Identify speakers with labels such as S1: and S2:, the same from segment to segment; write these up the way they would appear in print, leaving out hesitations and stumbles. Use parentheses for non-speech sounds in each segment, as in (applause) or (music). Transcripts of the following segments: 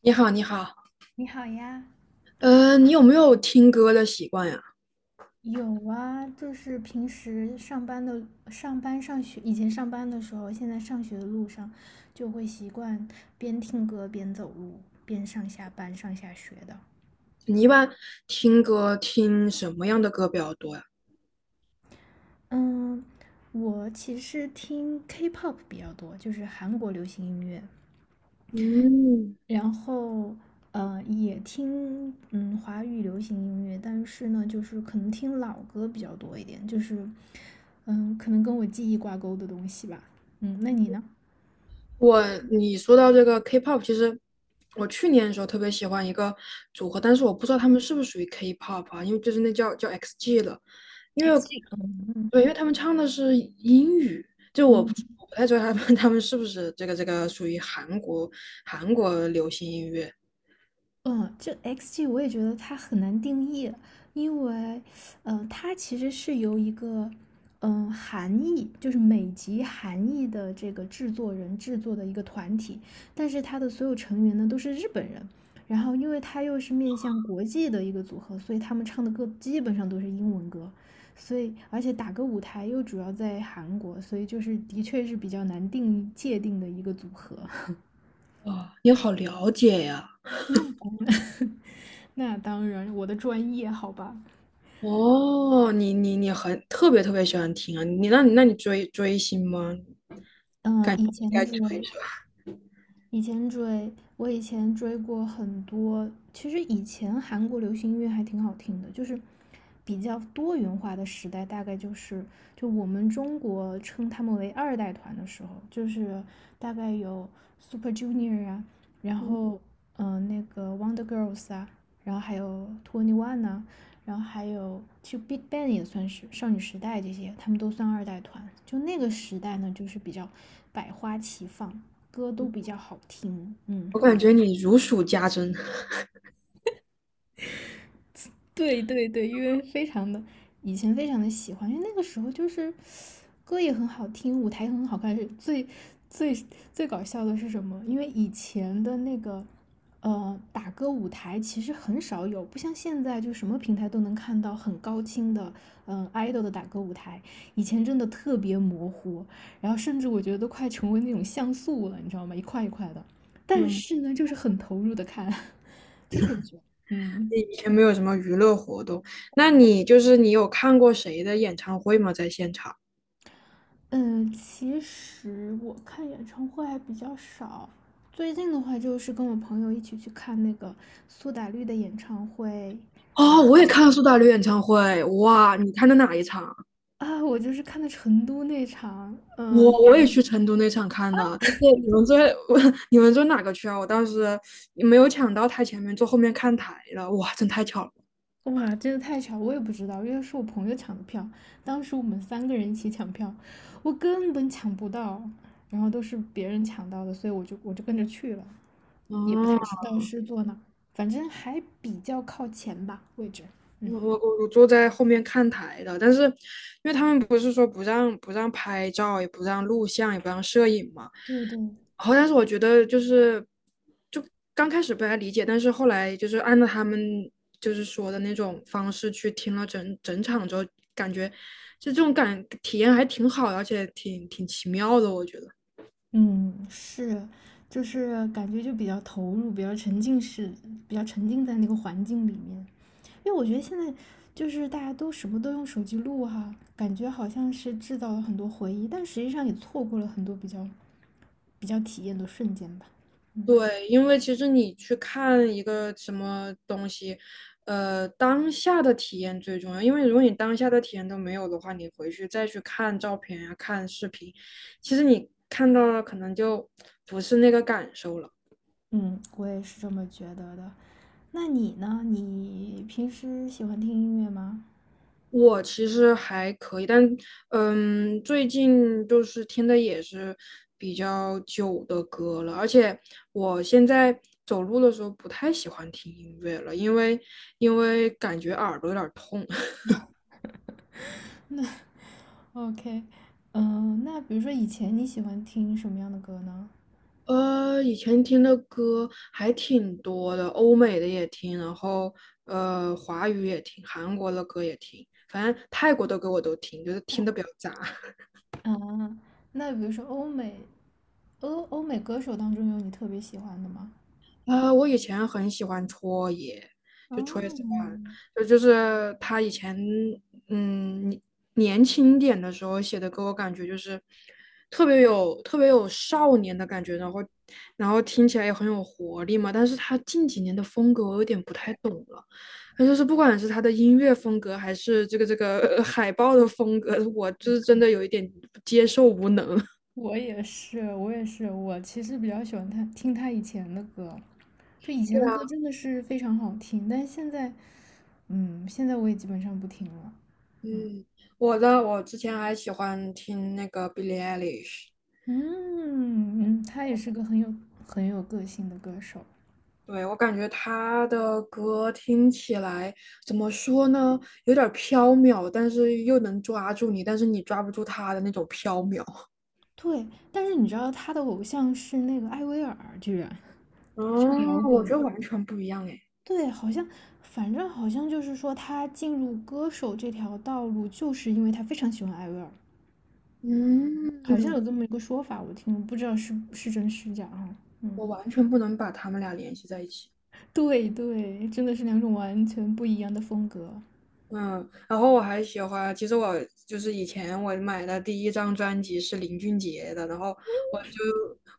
S1: 你好，你好，
S2: 你好呀，
S1: 你有没有听歌的习惯呀？
S2: 有啊，就是平时上班上学，以前上班的时候，现在上学的路上，就会习惯边听歌边走路，边上下班、上下学的。
S1: 你一般听歌听什么样的歌比较多呀？
S2: 嗯，我其实听 K-pop 比较多，就是韩国流行音乐，
S1: 嗯，
S2: 然后也听华语流行音乐，但是呢，就是可能听老歌比较多一点，就是可能跟我记忆挂钩的东西吧。嗯，那你呢？
S1: 我你说到这个 K-pop，其实我去年的时候特别喜欢一个组合，但是我不知道他们是不是属于 K-pop 啊，因为就是那叫 XG 了，因为
S2: XG，嗯
S1: 对，因为他们唱的是英语，就我不
S2: 嗯
S1: 我不太知道他们是不是这个属于韩国流行音乐。
S2: 嗯，这 XG 我也觉得它很难定义，因为，它其实是由一个，韩裔，就是美籍韩裔的这个制作人制作的一个团体，但是它的所有成员呢都是日本人，然后因为它又是面向国际的一个组合，所以他们唱的歌基本上都是英文歌，所以而且打歌舞台又主要在韩国，所以就是的确是比较难定义界定的一个组合。(laughs)
S1: 哇，你好了解呀！
S2: (laughs) 那当然，我的专业好吧。
S1: 哦，你很特别喜欢听啊！你追星吗？应
S2: 嗯，以前
S1: 该
S2: 追，
S1: 追一下。
S2: 以前追，我以前追过很多。其实以前韩国流行音乐还挺好听的，就是比较多元化的时代，大概就我们中国称他们为二代团的时候，就是大概有 Super Junior 啊，然后那个 Wonder Girls 啊，然后还有 Twenty One 呐、然后还有其实 Big Bang 也算是少女时代这些，他们都算二代团。就那个时代呢，就是比较百花齐放，歌都比较好听，嗯，
S1: 我感觉你如数家珍，
S2: 对对对，因为非常的以前非常的喜欢，因为那个时候就是歌也很好听，舞台也很好看。是最最搞笑的是什么？因为以前的那个打歌舞台其实很少有，不像现在就什么平台都能看到很高清的idol 的打歌舞台，以前真的特别模糊，然后甚至我觉得都快成为那种像素了，你知道吗？一块一块的，但
S1: 嗯，
S2: 是呢，就是很投入的看，(laughs) 就特别喜欢，
S1: (laughs) 你
S2: 嗯。
S1: 以前没有什么娱乐活动，那你就是你有看过谁的演唱会吗？在现场？
S2: 嗯，其实我看演唱会还比较少，最近的话就是跟我朋友一起去看那个苏打绿的演唱会啊，
S1: 哦，我
S2: 在
S1: 也
S2: 成
S1: 看了苏打绿演唱会，哇！你看的哪一场？
S2: 啊，我就是看的成都那场，
S1: 我
S2: 嗯，
S1: 我也去成都那场看了，但是你们坐 (laughs) 你们坐哪个区啊？我当时没有抢到台前面，坐后面看台了，哇，真太巧了。
S2: 哇，真的太巧，我也不知道，因为是我朋友抢的票，当时我们三个人一起抢票，我根本抢不到，然后都是别人抢到的，所以我就跟着去了，也不太知
S1: 哦，
S2: 道是坐哪儿，反正还比较靠前吧，位置，嗯，
S1: 我坐在后面看台的，但是因为他们不是说不让拍照，也不让录像，也不让摄影嘛。
S2: 对对。
S1: 然后，但是我觉得就是就刚开始不太理解，但是后来就是按照他们就是说的那种方式去听了整整场之后，感觉就这种感体验还挺好的，而且挺奇妙的，我觉得。
S2: 嗯，是，就是感觉就比较投入，比较沉浸式，比较沉浸在那个环境里面。因为我觉得现在就是大家都什么都用手机录哈，感觉好像是制造了很多回忆，但实际上也错过了很多比较体验的瞬间吧。嗯
S1: 对，因为其实你去看一个什么东西，当下的体验最重要。因为如果你当下的体验都没有的话，你回去再去看照片呀、看视频，其实你看到了可能就不是那个感受了。
S2: 嗯，我也是这么觉得的。那你呢？你平时喜欢听音乐吗
S1: 我其实还可以，但嗯，最近就是听的也是比较久的歌了，而且我现在走路的时候不太喜欢听音乐了，因为感觉耳朵有点儿痛。
S2: ？OK，嗯，那比如说以前你喜欢听什么样的歌呢？
S1: 以前听的歌还挺多的，欧美的也听，然后华语也听，韩国的歌也听，反正泰国的歌我都听，就是听的比较杂。
S2: 啊，那比如说欧美歌手当中有你特别喜欢的吗？
S1: 我以前很喜欢戳爷，就戳爷 o
S2: 哦，
S1: n 就他以前年年轻点的时候写的歌，我感觉就是特别有少年的感觉，然后然后听起来也很有活力嘛。但是他近几年的风格我有点不太懂了，他就是不管是他的音乐风格，还是这个 (laughs) 海报的风格，我就是真的有一点接受无能。(laughs)
S2: 我也是，我也是，我其实比较喜欢他听他以前的歌，就以前的歌真的是非常好听，但是现在，嗯，现在我也基本上不听了。
S1: 嗯，我之前还喜欢听那个 Billie Eilish。
S2: 嗯嗯，他也是个很有个性的歌手。
S1: 对，我感觉他的歌听起来怎么说呢，有点儿飘渺，但是又能抓住你，但是你抓不住他的那种飘渺。(laughs)
S2: 对，但是你知道他的偶像是那个艾薇儿，居然唱
S1: 哦，
S2: 摇
S1: 我
S2: 滚。
S1: 觉得完全不一样哎，
S2: 对，好像，反正好像就是说，他进入歌手这条道路，就是因为他非常喜欢艾薇儿，好像
S1: 嗯，
S2: 有这么一个说法，我听，不知道是真是假啊。
S1: 我
S2: 嗯，
S1: 完全不能把他们俩联系在一起。
S2: 对对，真的是两种完全不一样的风格。
S1: 嗯，然后我还喜欢，其实我就是以前我买的第一张专辑是林俊杰的，然后我就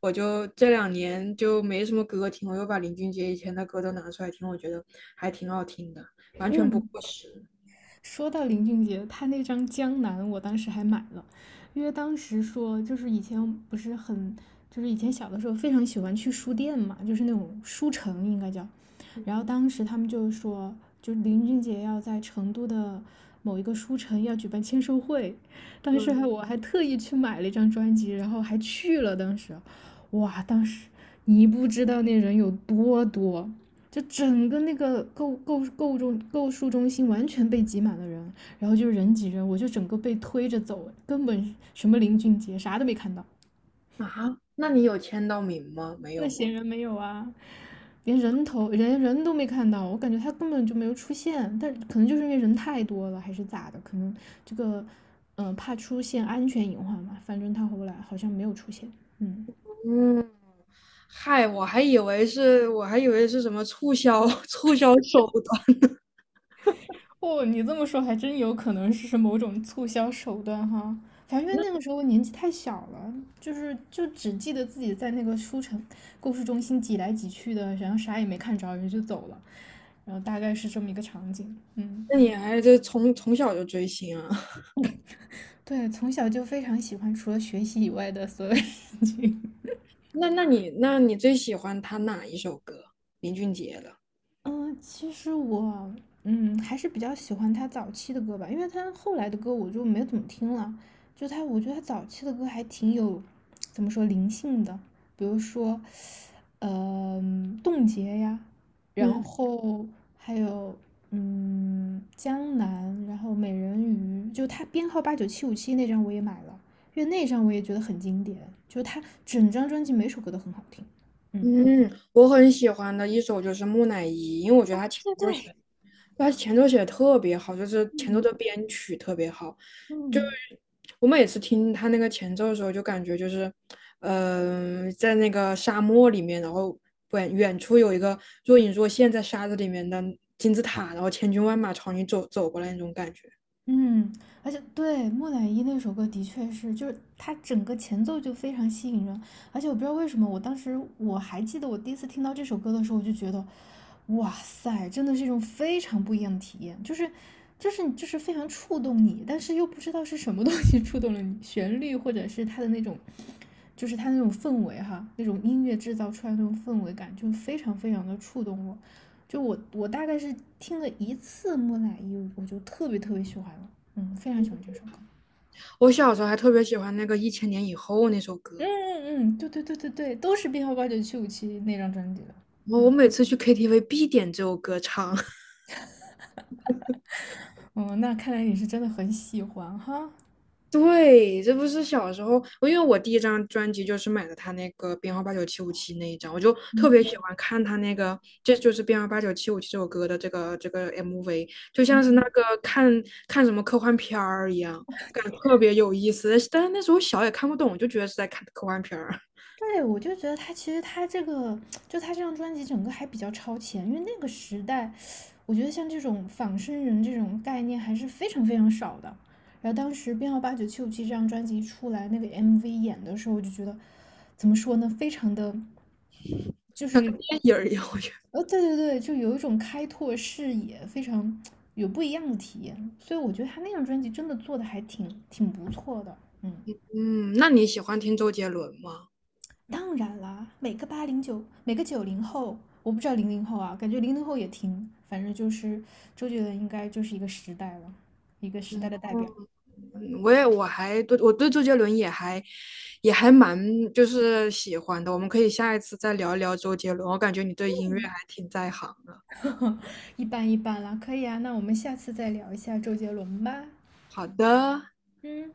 S1: 我就这两年就没什么歌听，我又把林俊杰以前的歌都拿出来听，我觉得还挺好听的，完全不
S2: 嗯，
S1: 过时。
S2: 说到林俊杰，他那张《江南》，我当时还买了，因为当时说就是以前不是很，就是以前小的时候非常喜欢去书店嘛，就是那种书城应该叫，然后
S1: 嗯
S2: 当时他们就说，就林俊杰要在成都的某一个书城要举办签售会，当时
S1: 嗯
S2: 还我还特意去买了一张专辑，然后还去了，当时，哇，当时你不知道那人有多多，就整个那个购书中心完全被挤满了人，然后就是人挤人，我就整个被推着走，根本什么林俊杰啥都没看到，
S1: 啊，那你有签到名吗？没有
S2: 那
S1: 吗？
S2: 显然没有啊，连人都没看到，我感觉他根本就没有出现，但可能就是因为人太多了还是咋的，可能这个怕出现安全隐患嘛，反正他后来好像没有出现，嗯。
S1: 嗯，嗨，我还以为是什么促销 (laughs) 促销手段，
S2: 哦，你这么说还真有可能是某种促销手段哈。反正
S1: (laughs)
S2: 因
S1: 那
S2: 为那个时候年纪太小了，就只记得自己在那个书城故事中心挤来挤去的，然后啥也没看着，人就走了，然后大概是这么一个场景。嗯，
S1: 那你还是从小就追星啊？
S2: 对，从小就非常喜欢除了学习以外的所有事情。
S1: 那你最喜欢他哪一首歌？林俊杰的。
S2: 嗯，其实我还是比较喜欢他早期的歌吧，因为他后来的歌我就没怎么听了。我觉得他早期的歌还挺有怎么说灵性的，比如说，冻结呀，然
S1: 嗯，
S2: 后还有江南，然后美人鱼，就他编号八九七五七那张我也买了，因为那张我也觉得很经典，就他整张专辑每首歌都很好听，嗯。
S1: 嗯，我很喜欢的一首就是《木乃伊》，因为我觉得他前奏写的特别好，就是前奏
S2: 嗯
S1: 的编曲特别好。就是
S2: 嗯。
S1: 我每次听他那个前奏的时候，就感觉就是，嗯、在那个沙漠里面，然后远远处有一个若隐若现在沙子里面的金字塔，然后千军万马朝你走过来那种感觉。
S2: 嗯，而且对，木乃伊那首歌的确是，就是它整个前奏就非常吸引人，而且我不知道为什么，我当时我还记得我第一次听到这首歌的时候，我就觉得，哇塞，真的是一种非常不一样的体验，就是非常触动你，但是又不知道是什么东西触动了你，旋律或者是它的那种，就是它那种氛围哈，那种音乐制造出来的那种氛围感，就非常非常的触动我。就我大概是听了一次《木乃伊》，我就特别特别喜欢了，嗯，非常喜欢这首歌。
S1: 我小时候还特别喜欢那个《一千年以后》那首
S2: 嗯
S1: 歌。
S2: 嗯嗯，对对对对对，都是编号八九七五七那张专辑的。
S1: 我
S2: 嗯
S1: 每次去 KTV 必点这首歌唱。(laughs)
S2: 哦，那看来你是真的很喜欢哈。
S1: 对，这不是小时候，我因为我第一张专辑就是买的他那个编号八九七五七那一张，我就特别喜欢看他那个，这就是编号八九七五七这首歌的这个 MV,就像是那个看什么科幻片儿一样，感觉特别有意思。但是那时候小也看不懂，就觉得是在看科幻片儿，(laughs)
S2: 对，我就觉得他其实他这个，(tsk) 就他这张专辑整个还比较超前，因为那个时代，我觉得像这种仿生人这种概念还是非常非常少的。然后当时编号八九七五七这张专辑一出来，那个 MV 演的时候，我就觉得怎么说呢，非常的。
S1: 像看电影儿一样。我觉得，
S2: 对对对，就有一种开拓视野，非常有不一样的体验。所以我觉得他那张专辑真的做的还挺不错的。嗯，
S1: 嗯，那你喜欢听周杰伦吗？
S2: 当然啦，每个90后，我不知道零零后啊，感觉零零后也听，反正就是周杰伦应该就是一个时代了，一个时代的代表，
S1: 我对周杰伦也还蛮就是喜欢的，我们可以下一次再聊一聊周杰伦，我感觉你对音乐还挺在行的。
S2: (laughs) 一般一般啦，可以啊，那我们下次再聊一下周杰伦吧。
S1: 好的。
S2: 嗯。